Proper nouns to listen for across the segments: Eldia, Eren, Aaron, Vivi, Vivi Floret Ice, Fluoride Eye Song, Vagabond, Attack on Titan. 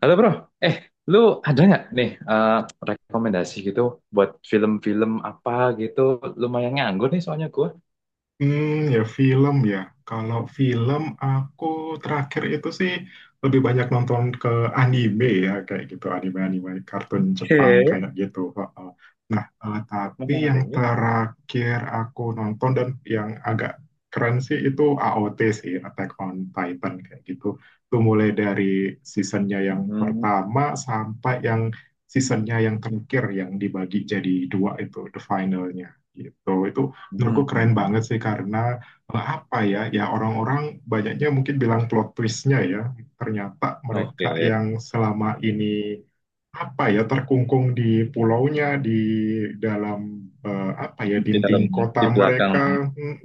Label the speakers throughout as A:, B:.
A: Halo, bro. eh Lu ada nggak nih, rekomendasi gitu buat film-film apa gitu? Lumayan nganggur nih soalnya gue.
B: Hmm, ya film ya. Kalau film aku terakhir itu sih lebih banyak nonton ke anime ya kayak gitu anime-anime kartun Jepang
A: Oke,
B: kayak gitu. Heeh. Nah, tapi
A: memang ada
B: yang
A: ini.
B: terakhir aku nonton dan yang agak keren sih itu AOT sih Attack on Titan kayak gitu. Itu mulai dari seasonnya yang
A: Hmm.
B: pertama sampai yang seasonnya yang terakhir yang dibagi jadi dua itu the finalnya gitu. Itu menurutku keren banget
A: Hmm.
B: sih karena apa ya orang-orang banyaknya mungkin bilang plot twistnya ya ternyata mereka
A: Oke,
B: yang selama ini apa ya terkungkung di pulaunya di dalam apa ya
A: di dalam,
B: dinding kota
A: di belakang
B: mereka.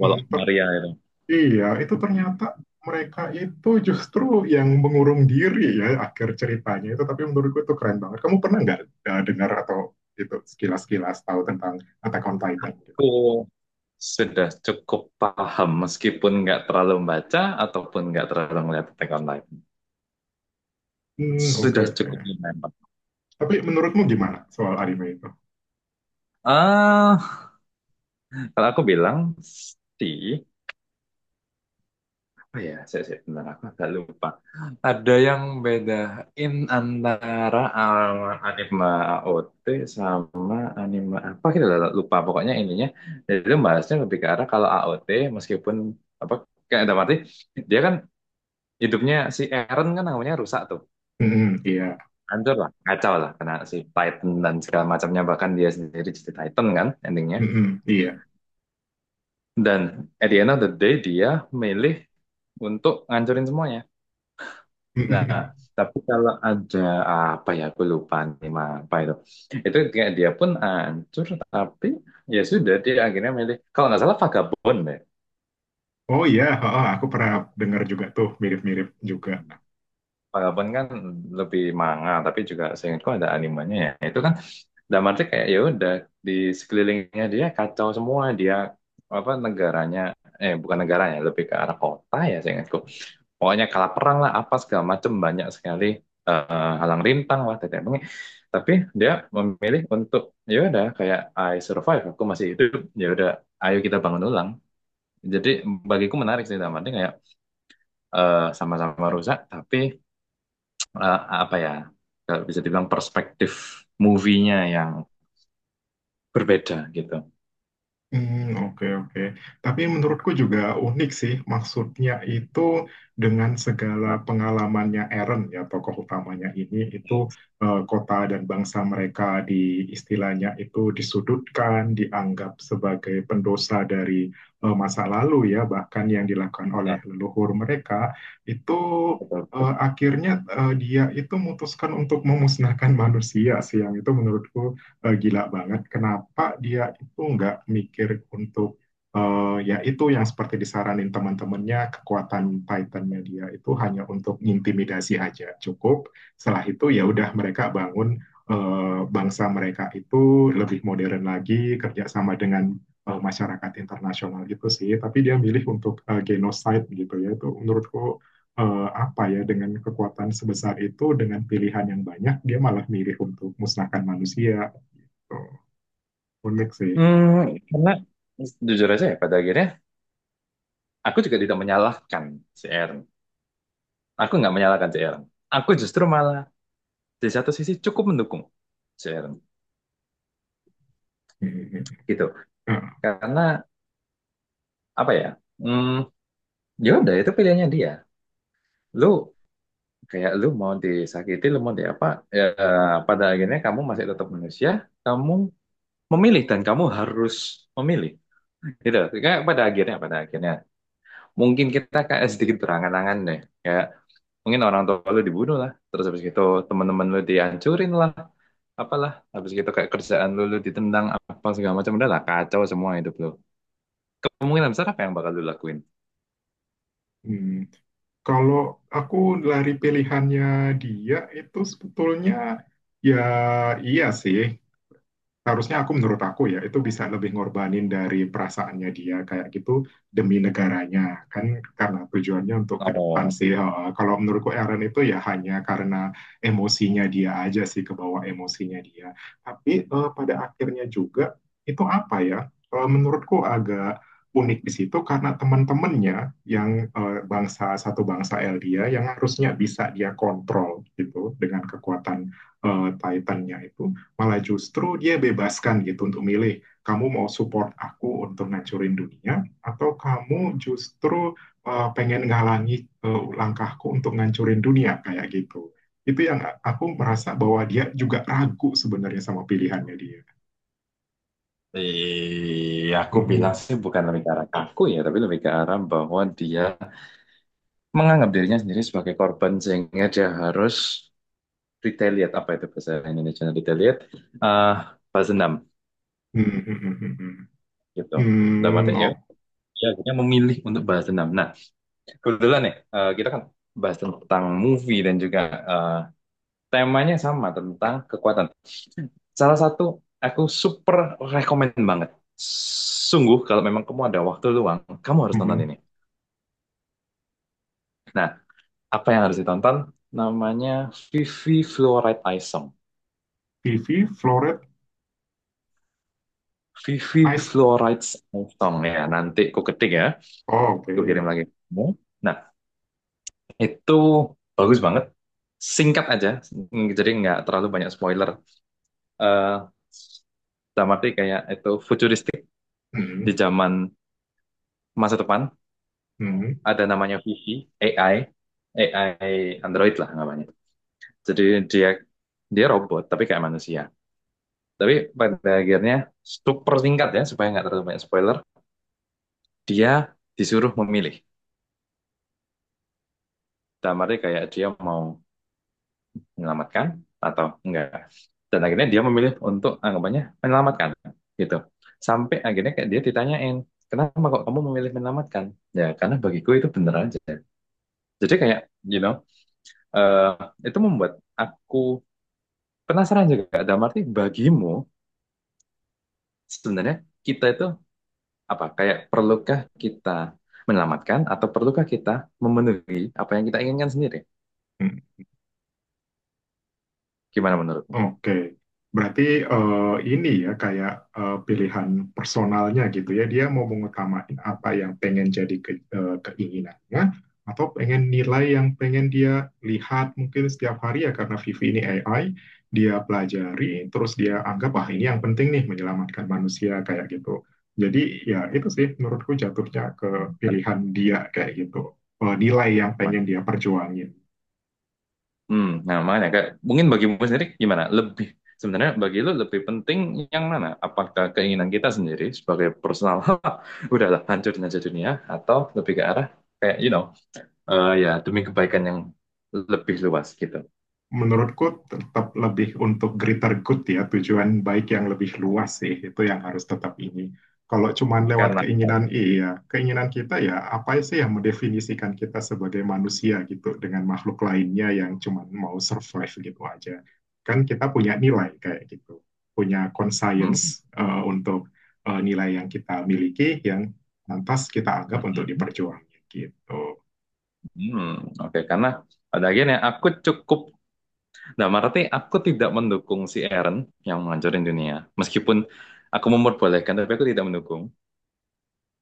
A: Walau Maria itu.
B: iya itu ternyata mereka itu justru yang mengurung diri ya akhir ceritanya itu tapi menurutku itu keren banget. Kamu pernah nggak dengar atau itu sekilas-kilas tahu tentang Attack on Titan?
A: Aku sudah cukup paham meskipun nggak terlalu membaca ataupun nggak terlalu ngeliat Attack on Titan.
B: Hmm, oke
A: Sudah
B: oke.
A: cukup lumayan paham.
B: Tapi menurutmu gimana soal anime itu?
A: Ah, kalau aku bilang sih, oh ya, saya bentar, aku agak lupa. Ada yang bedain antara anime AOT sama anime apa, kita lupa. Pokoknya ininya, jadi itu bahasnya lebih ke arah kalau AOT, meskipun apa, kayak ada arti. Dia kan hidupnya si Eren kan namanya rusak tuh.
B: Mhm, iya.
A: Hancur lah, kacau lah karena si Titan dan segala macamnya, bahkan dia sendiri jadi Titan kan endingnya.
B: Mhm, iya.
A: Dan at the end of the day dia milih untuk ngancurin semuanya. Nah, tapi kalau ada apa ya, aku lupa nih, mah, apa itu. Itu kayak dia pun hancur, tapi ya sudah, dia akhirnya milih. Kalau nggak salah Vagabond deh.
B: Oh iya, heeh, aku pernah dengar juga tuh mirip-mirip juga.
A: Vagabond kan lebih manga, tapi juga seingatku ada animenya ya. Itu kan dalam arti kayak ya udah di sekelilingnya dia kacau semua. Dia apa negaranya, bukan negaranya, lebih ke arah kota ya, saya ingatku pokoknya kalah perang lah apa segala macem, banyak sekali halang rintang lah tetek bengek, tapi dia memilih untuk ya udah kayak I survive, aku masih hidup, ya udah, ayo kita bangun ulang. Jadi bagiku menarik sih, dalam arti kayak sama-sama rusak, tapi eh, apa ya, kalau bisa dibilang perspektif movie-nya yang berbeda gitu.
B: Hmm, oke oke. Tapi menurutku juga unik sih, maksudnya itu dengan segala
A: Nah,
B: pengalamannya Eren ya tokoh utamanya ini itu
A: iya,
B: kota dan bangsa mereka di istilahnya itu disudutkan, dianggap sebagai pendosa dari masa lalu ya, bahkan yang dilakukan oleh
A: benar,
B: leluhur mereka itu
A: betul.
B: akhirnya dia itu memutuskan untuk memusnahkan manusia sih, yang itu menurutku gila banget kenapa dia itu nggak mikir untuk ya itu yang seperti disaranin teman-temannya. Kekuatan Titan Media itu hanya untuk intimidasi aja cukup, setelah itu ya udah mereka bangun bangsa mereka itu lebih modern lagi, kerjasama dengan masyarakat internasional gitu sih. Tapi dia milih untuk genocide gitu ya, itu menurutku apa ya, dengan kekuatan sebesar itu dengan pilihan yang banyak dia malah milih untuk musnahkan manusia. Oh, unik sih.
A: Hmm, karena jujur aja ya, pada akhirnya aku juga tidak menyalahkan si Aaron. Aku nggak menyalahkan si Aaron. Aku justru malah di satu sisi cukup mendukung si Aaron
B: Hmm. Nah, hmm.
A: gitu.
B: Ah,
A: Karena apa ya? Hmm, ya udah itu pilihannya dia. Lu kayak lu mau disakiti, lu mau di apa? Ya, pada akhirnya kamu masih tetap manusia. Kamu memilih dan kamu harus memilih. Gitu. Kayak pada akhirnya mungkin kita kayak sedikit berangan-angan deh. Kayak mungkin orang tua lu dibunuh lah, terus habis gitu teman-teman lu dihancurin lah apalah, habis gitu kayak kerjaan lu lu ditendang apa segala macam. Udah lah, kacau semua hidup lu. Kemungkinan besar apa yang bakal lu lakuin?
B: hmm. Kalau aku lari pilihannya dia itu sebetulnya ya iya sih harusnya aku, menurut aku ya itu bisa lebih ngorbanin dari perasaannya dia kayak gitu demi negaranya kan karena tujuannya untuk ke depan
A: Oh,
B: sih. Heeh. Kalau menurutku Aaron itu ya hanya karena emosinya dia aja sih, ke bawah emosinya dia. Tapi pada akhirnya juga itu apa ya. Menurutku agak unik di situ karena teman-temannya yang bangsa satu bangsa Eldia yang harusnya bisa dia kontrol gitu dengan kekuatan Titannya itu malah justru dia bebaskan gitu untuk milih. Kamu mau support aku untuk ngancurin dunia atau kamu justru pengen ngalangi langkahku untuk ngancurin dunia kayak gitu. Itu yang aku merasa bahwa dia juga ragu sebenarnya sama pilihannya dia.
A: aku bilang
B: Hmm.
A: sih bukan lebih ke arah kaku ya, tapi lebih ke arah bahwa dia menganggap dirinya sendiri sebagai korban sehingga dia harus retaliate. Apa itu bahasa Indonesia retaliate? eh balas dendam
B: Hmm. Hmm. Hmm.
A: gitu. Dalam arti
B: Hmm.
A: ya,
B: Oh.
A: dia akhirnya memilih untuk balas dendam. Nah, kebetulan ya, kita kan bahas tentang movie dan juga eh, temanya sama tentang kekuatan. Salah satu aku super rekomend banget. Sungguh kalau memang kamu ada waktu luang, kamu harus nonton ini.
B: Hmm.
A: Nah, apa yang harus ditonton? Namanya Vivi Fluoride Eye Song.
B: Vivi Floret
A: Vivi
B: Ice.
A: Fluoride Eye Song ya. Nanti aku ketik ya,
B: Oh, oke.
A: aku kirim lagi. Nah, itu bagus banget. Singkat aja, jadi nggak terlalu banyak spoiler. Eh Dalam arti kayak itu futuristik di
B: Hmm.
A: zaman masa depan.
B: Hmm.
A: Ada namanya Vivi, AI, AI Android lah namanya. Jadi dia, dia robot tapi kayak manusia. Tapi pada akhirnya, super singkat ya supaya nggak terlalu banyak spoiler. Dia disuruh memilih. Dalam arti kayak dia mau menyelamatkan atau enggak. Dan akhirnya dia memilih untuk anggapannya menyelamatkan gitu. Sampai akhirnya kayak dia ditanyain, kenapa kok kamu memilih menyelamatkan? Ya karena bagiku itu bener aja. Jadi kayak, you know, eh, itu membuat aku penasaran juga. Dalam arti bagimu, sebenarnya kita itu apa? Kayak perlukah kita menyelamatkan atau perlukah kita memenuhi apa yang kita inginkan sendiri?
B: Hmm.
A: Gimana menurutmu?
B: Oke, berarti ini ya kayak pilihan personalnya gitu ya. Dia mau mengutamain apa yang pengen jadi keinginannya, atau pengen nilai yang pengen dia lihat mungkin setiap hari ya karena Vivi ini AI, dia pelajari terus dia anggap ah ini yang penting nih menyelamatkan manusia kayak gitu. Jadi ya itu sih menurutku jatuhnya ke pilihan dia kayak gitu. Nilai yang pengen dia perjuangin.
A: Hmm, nah makanya kayak, mungkin bagimu sendiri gimana? Lebih, sebenarnya bagi lu lebih penting yang mana? Apakah keinginan kita sendiri sebagai personal, udahlah hancurin aja dunia, atau lebih ke arah kayak you know, ya demi kebaikan yang lebih luas gitu.
B: Menurutku tetap lebih untuk greater good ya, tujuan baik yang lebih luas sih, itu yang harus tetap ini. Kalau cuman lewat
A: Karena
B: keinginan, iya, keinginan kita ya apa sih yang mendefinisikan kita sebagai manusia gitu dengan makhluk lainnya yang cuman mau survive gitu aja. Kan kita punya nilai kayak gitu, punya
A: hmm,
B: conscience untuk nilai yang kita miliki yang lantas kita
A: hmm,
B: anggap untuk
A: hmm,
B: diperjuangin gitu.
A: hmm, oke. Karena pada akhirnya aku cukup, nah berarti aku tidak mendukung si Aaron yang menghancurin dunia. Meskipun aku memperbolehkan, tapi aku tidak mendukung.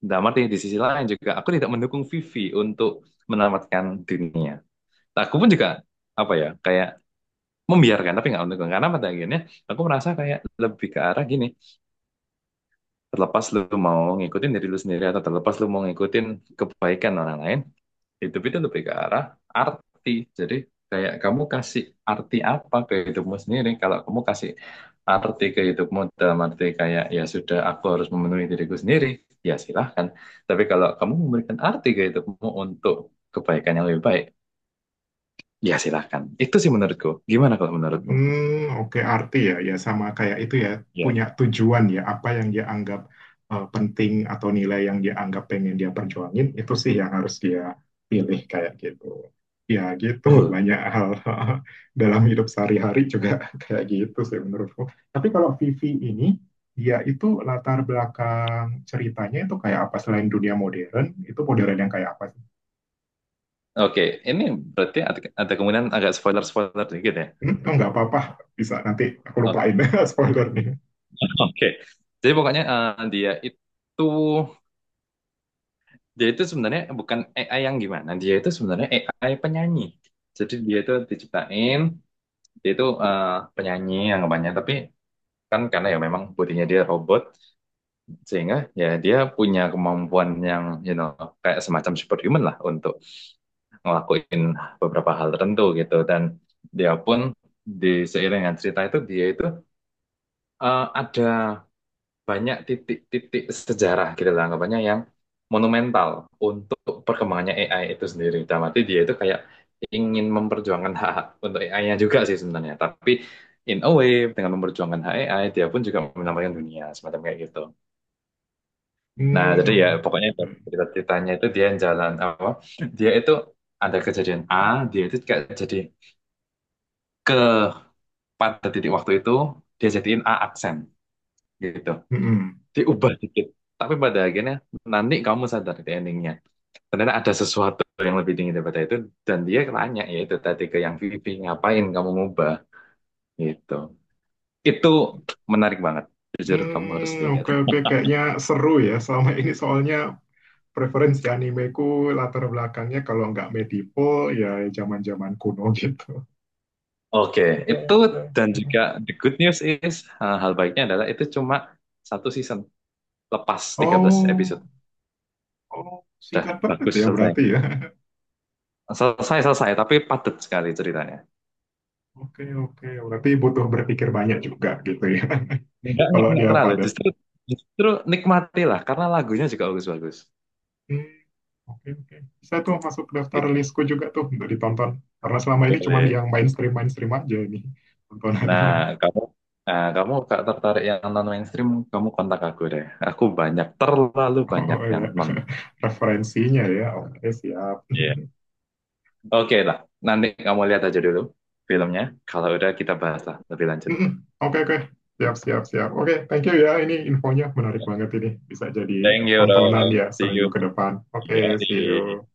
A: Nah berarti di sisi lain juga aku tidak mendukung Vivi untuk menyelamatkan dunia. Nah, aku pun juga apa ya, kayak membiarkan tapi nggak mendukung. Karena pada akhirnya aku merasa kayak lebih ke arah gini: terlepas lu mau ngikutin diri lu sendiri atau terlepas lu mau ngikutin kebaikan orang lain, hidup itu lebih ke arah arti. Jadi kayak kamu kasih arti apa ke hidupmu sendiri. Kalau kamu kasih arti ke hidupmu dalam arti kayak ya sudah aku harus memenuhi diriku sendiri, ya silahkan. Tapi kalau kamu memberikan arti ke hidupmu untuk kebaikan yang lebih baik, ya silahkan. Itu sih menurutku. Gimana kalau menurutmu?
B: Hmm, oke, arti ya, ya sama kayak itu ya,
A: Ya,
B: punya tujuan ya, apa yang dia anggap penting atau nilai yang dia anggap pengen dia perjuangin, itu sih yang harus dia pilih kayak gitu. Ya gitu,
A: betul.
B: banyak hal dalam hidup sehari-hari juga kayak gitu sih menurutku. Tapi kalau Vivi ini, dia itu latar belakang ceritanya itu kayak apa selain dunia modern, itu modern yang kayak apa sih?
A: Oke, ini berarti ada kemungkinan agak spoiler-spoiler sedikit ya.
B: Hmm, oh, nggak apa-apa, bisa nanti aku
A: Oke,
B: lupain spoiler nih.
A: oke, jadi pokoknya dia itu, dia itu sebenarnya bukan AI yang gimana, dia itu sebenarnya AI penyanyi. Jadi dia itu diciptain, dia itu penyanyi yang banyak, tapi kan karena ya memang bodinya dia robot, sehingga ya dia punya kemampuan yang you know kayak semacam superhuman lah untuk ngelakuin beberapa hal tertentu gitu. Dan dia pun di seiring dengan cerita itu, dia itu ada banyak titik-titik sejarah gitu lah anggapannya yang monumental untuk perkembangannya AI itu sendiri. Dalam arti dia itu kayak ingin memperjuangkan hak-hak untuk AI-nya juga sih sebenarnya. Tapi in a way, dengan memperjuangkan hak AI, dia pun juga menyelamatkan dunia semacam kayak gitu. Nah
B: Hmm,
A: jadi ya pokoknya dari
B: oke.
A: cerita-ceritanya itu dia yang jalan apa? Dia itu ada kejadian A, dia itu kayak jadi ke pada titik waktu itu dia jadiin A aksen gitu,
B: Mm-mm.
A: diubah dikit, tapi pada akhirnya nanti kamu sadar di endingnya ternyata ada sesuatu yang lebih tinggi daripada itu. Dan dia nanya ya itu tadi ke yang Vivi, ngapain kamu ngubah gitu? Itu menarik banget, jujur kamu harus
B: Hmm,
A: lihat.
B: oke oke kayaknya seru ya. Selama ini soalnya preferensi animeku latar belakangnya kalau nggak medieval ya zaman-zaman kuno gitu.
A: Oke, okay.
B: Oke
A: Itu
B: oke.
A: dan juga the good news is, hal baiknya adalah itu cuma satu season lepas 13 episode.
B: Oh, oh,
A: Dah
B: singkat banget
A: bagus,
B: ya
A: selesai
B: berarti ya.
A: selesai selesai, tapi padat sekali ceritanya.
B: Oke oke berarti butuh berpikir banyak juga gitu ya.
A: Enggak,
B: Kalau
A: enggak
B: dia
A: terlalu,
B: padat.
A: justru, justru nikmatilah karena lagunya juga bagus-bagus
B: Hmm, oke oke. Bisa tuh masuk ke daftar
A: gitu,
B: listku juga tuh untuk ditonton. Karena selama ini cuma
A: boleh.
B: yang mainstream mainstream aja nih
A: Nah,
B: tontonannya.
A: kamu ah, kamu gak tertarik yang non mainstream, kamu kontak aku deh. Aku banyak, terlalu banyak
B: Oh
A: yang
B: ya,
A: non.
B: referensinya ya. Oke, siap.
A: Iya. Oke lah, nanti kamu lihat aja dulu filmnya. Kalau udah kita bahas lah lebih lanjut.
B: Oke, oke. Siap, siap, siap. Oke, thank you ya. Ini infonya menarik banget ini. Bisa jadi
A: Thank you,
B: tontonan
A: bro.
B: ya
A: See
B: seminggu
A: you.
B: ke depan.
A: Iya,
B: Oke, see
A: iya.
B: you.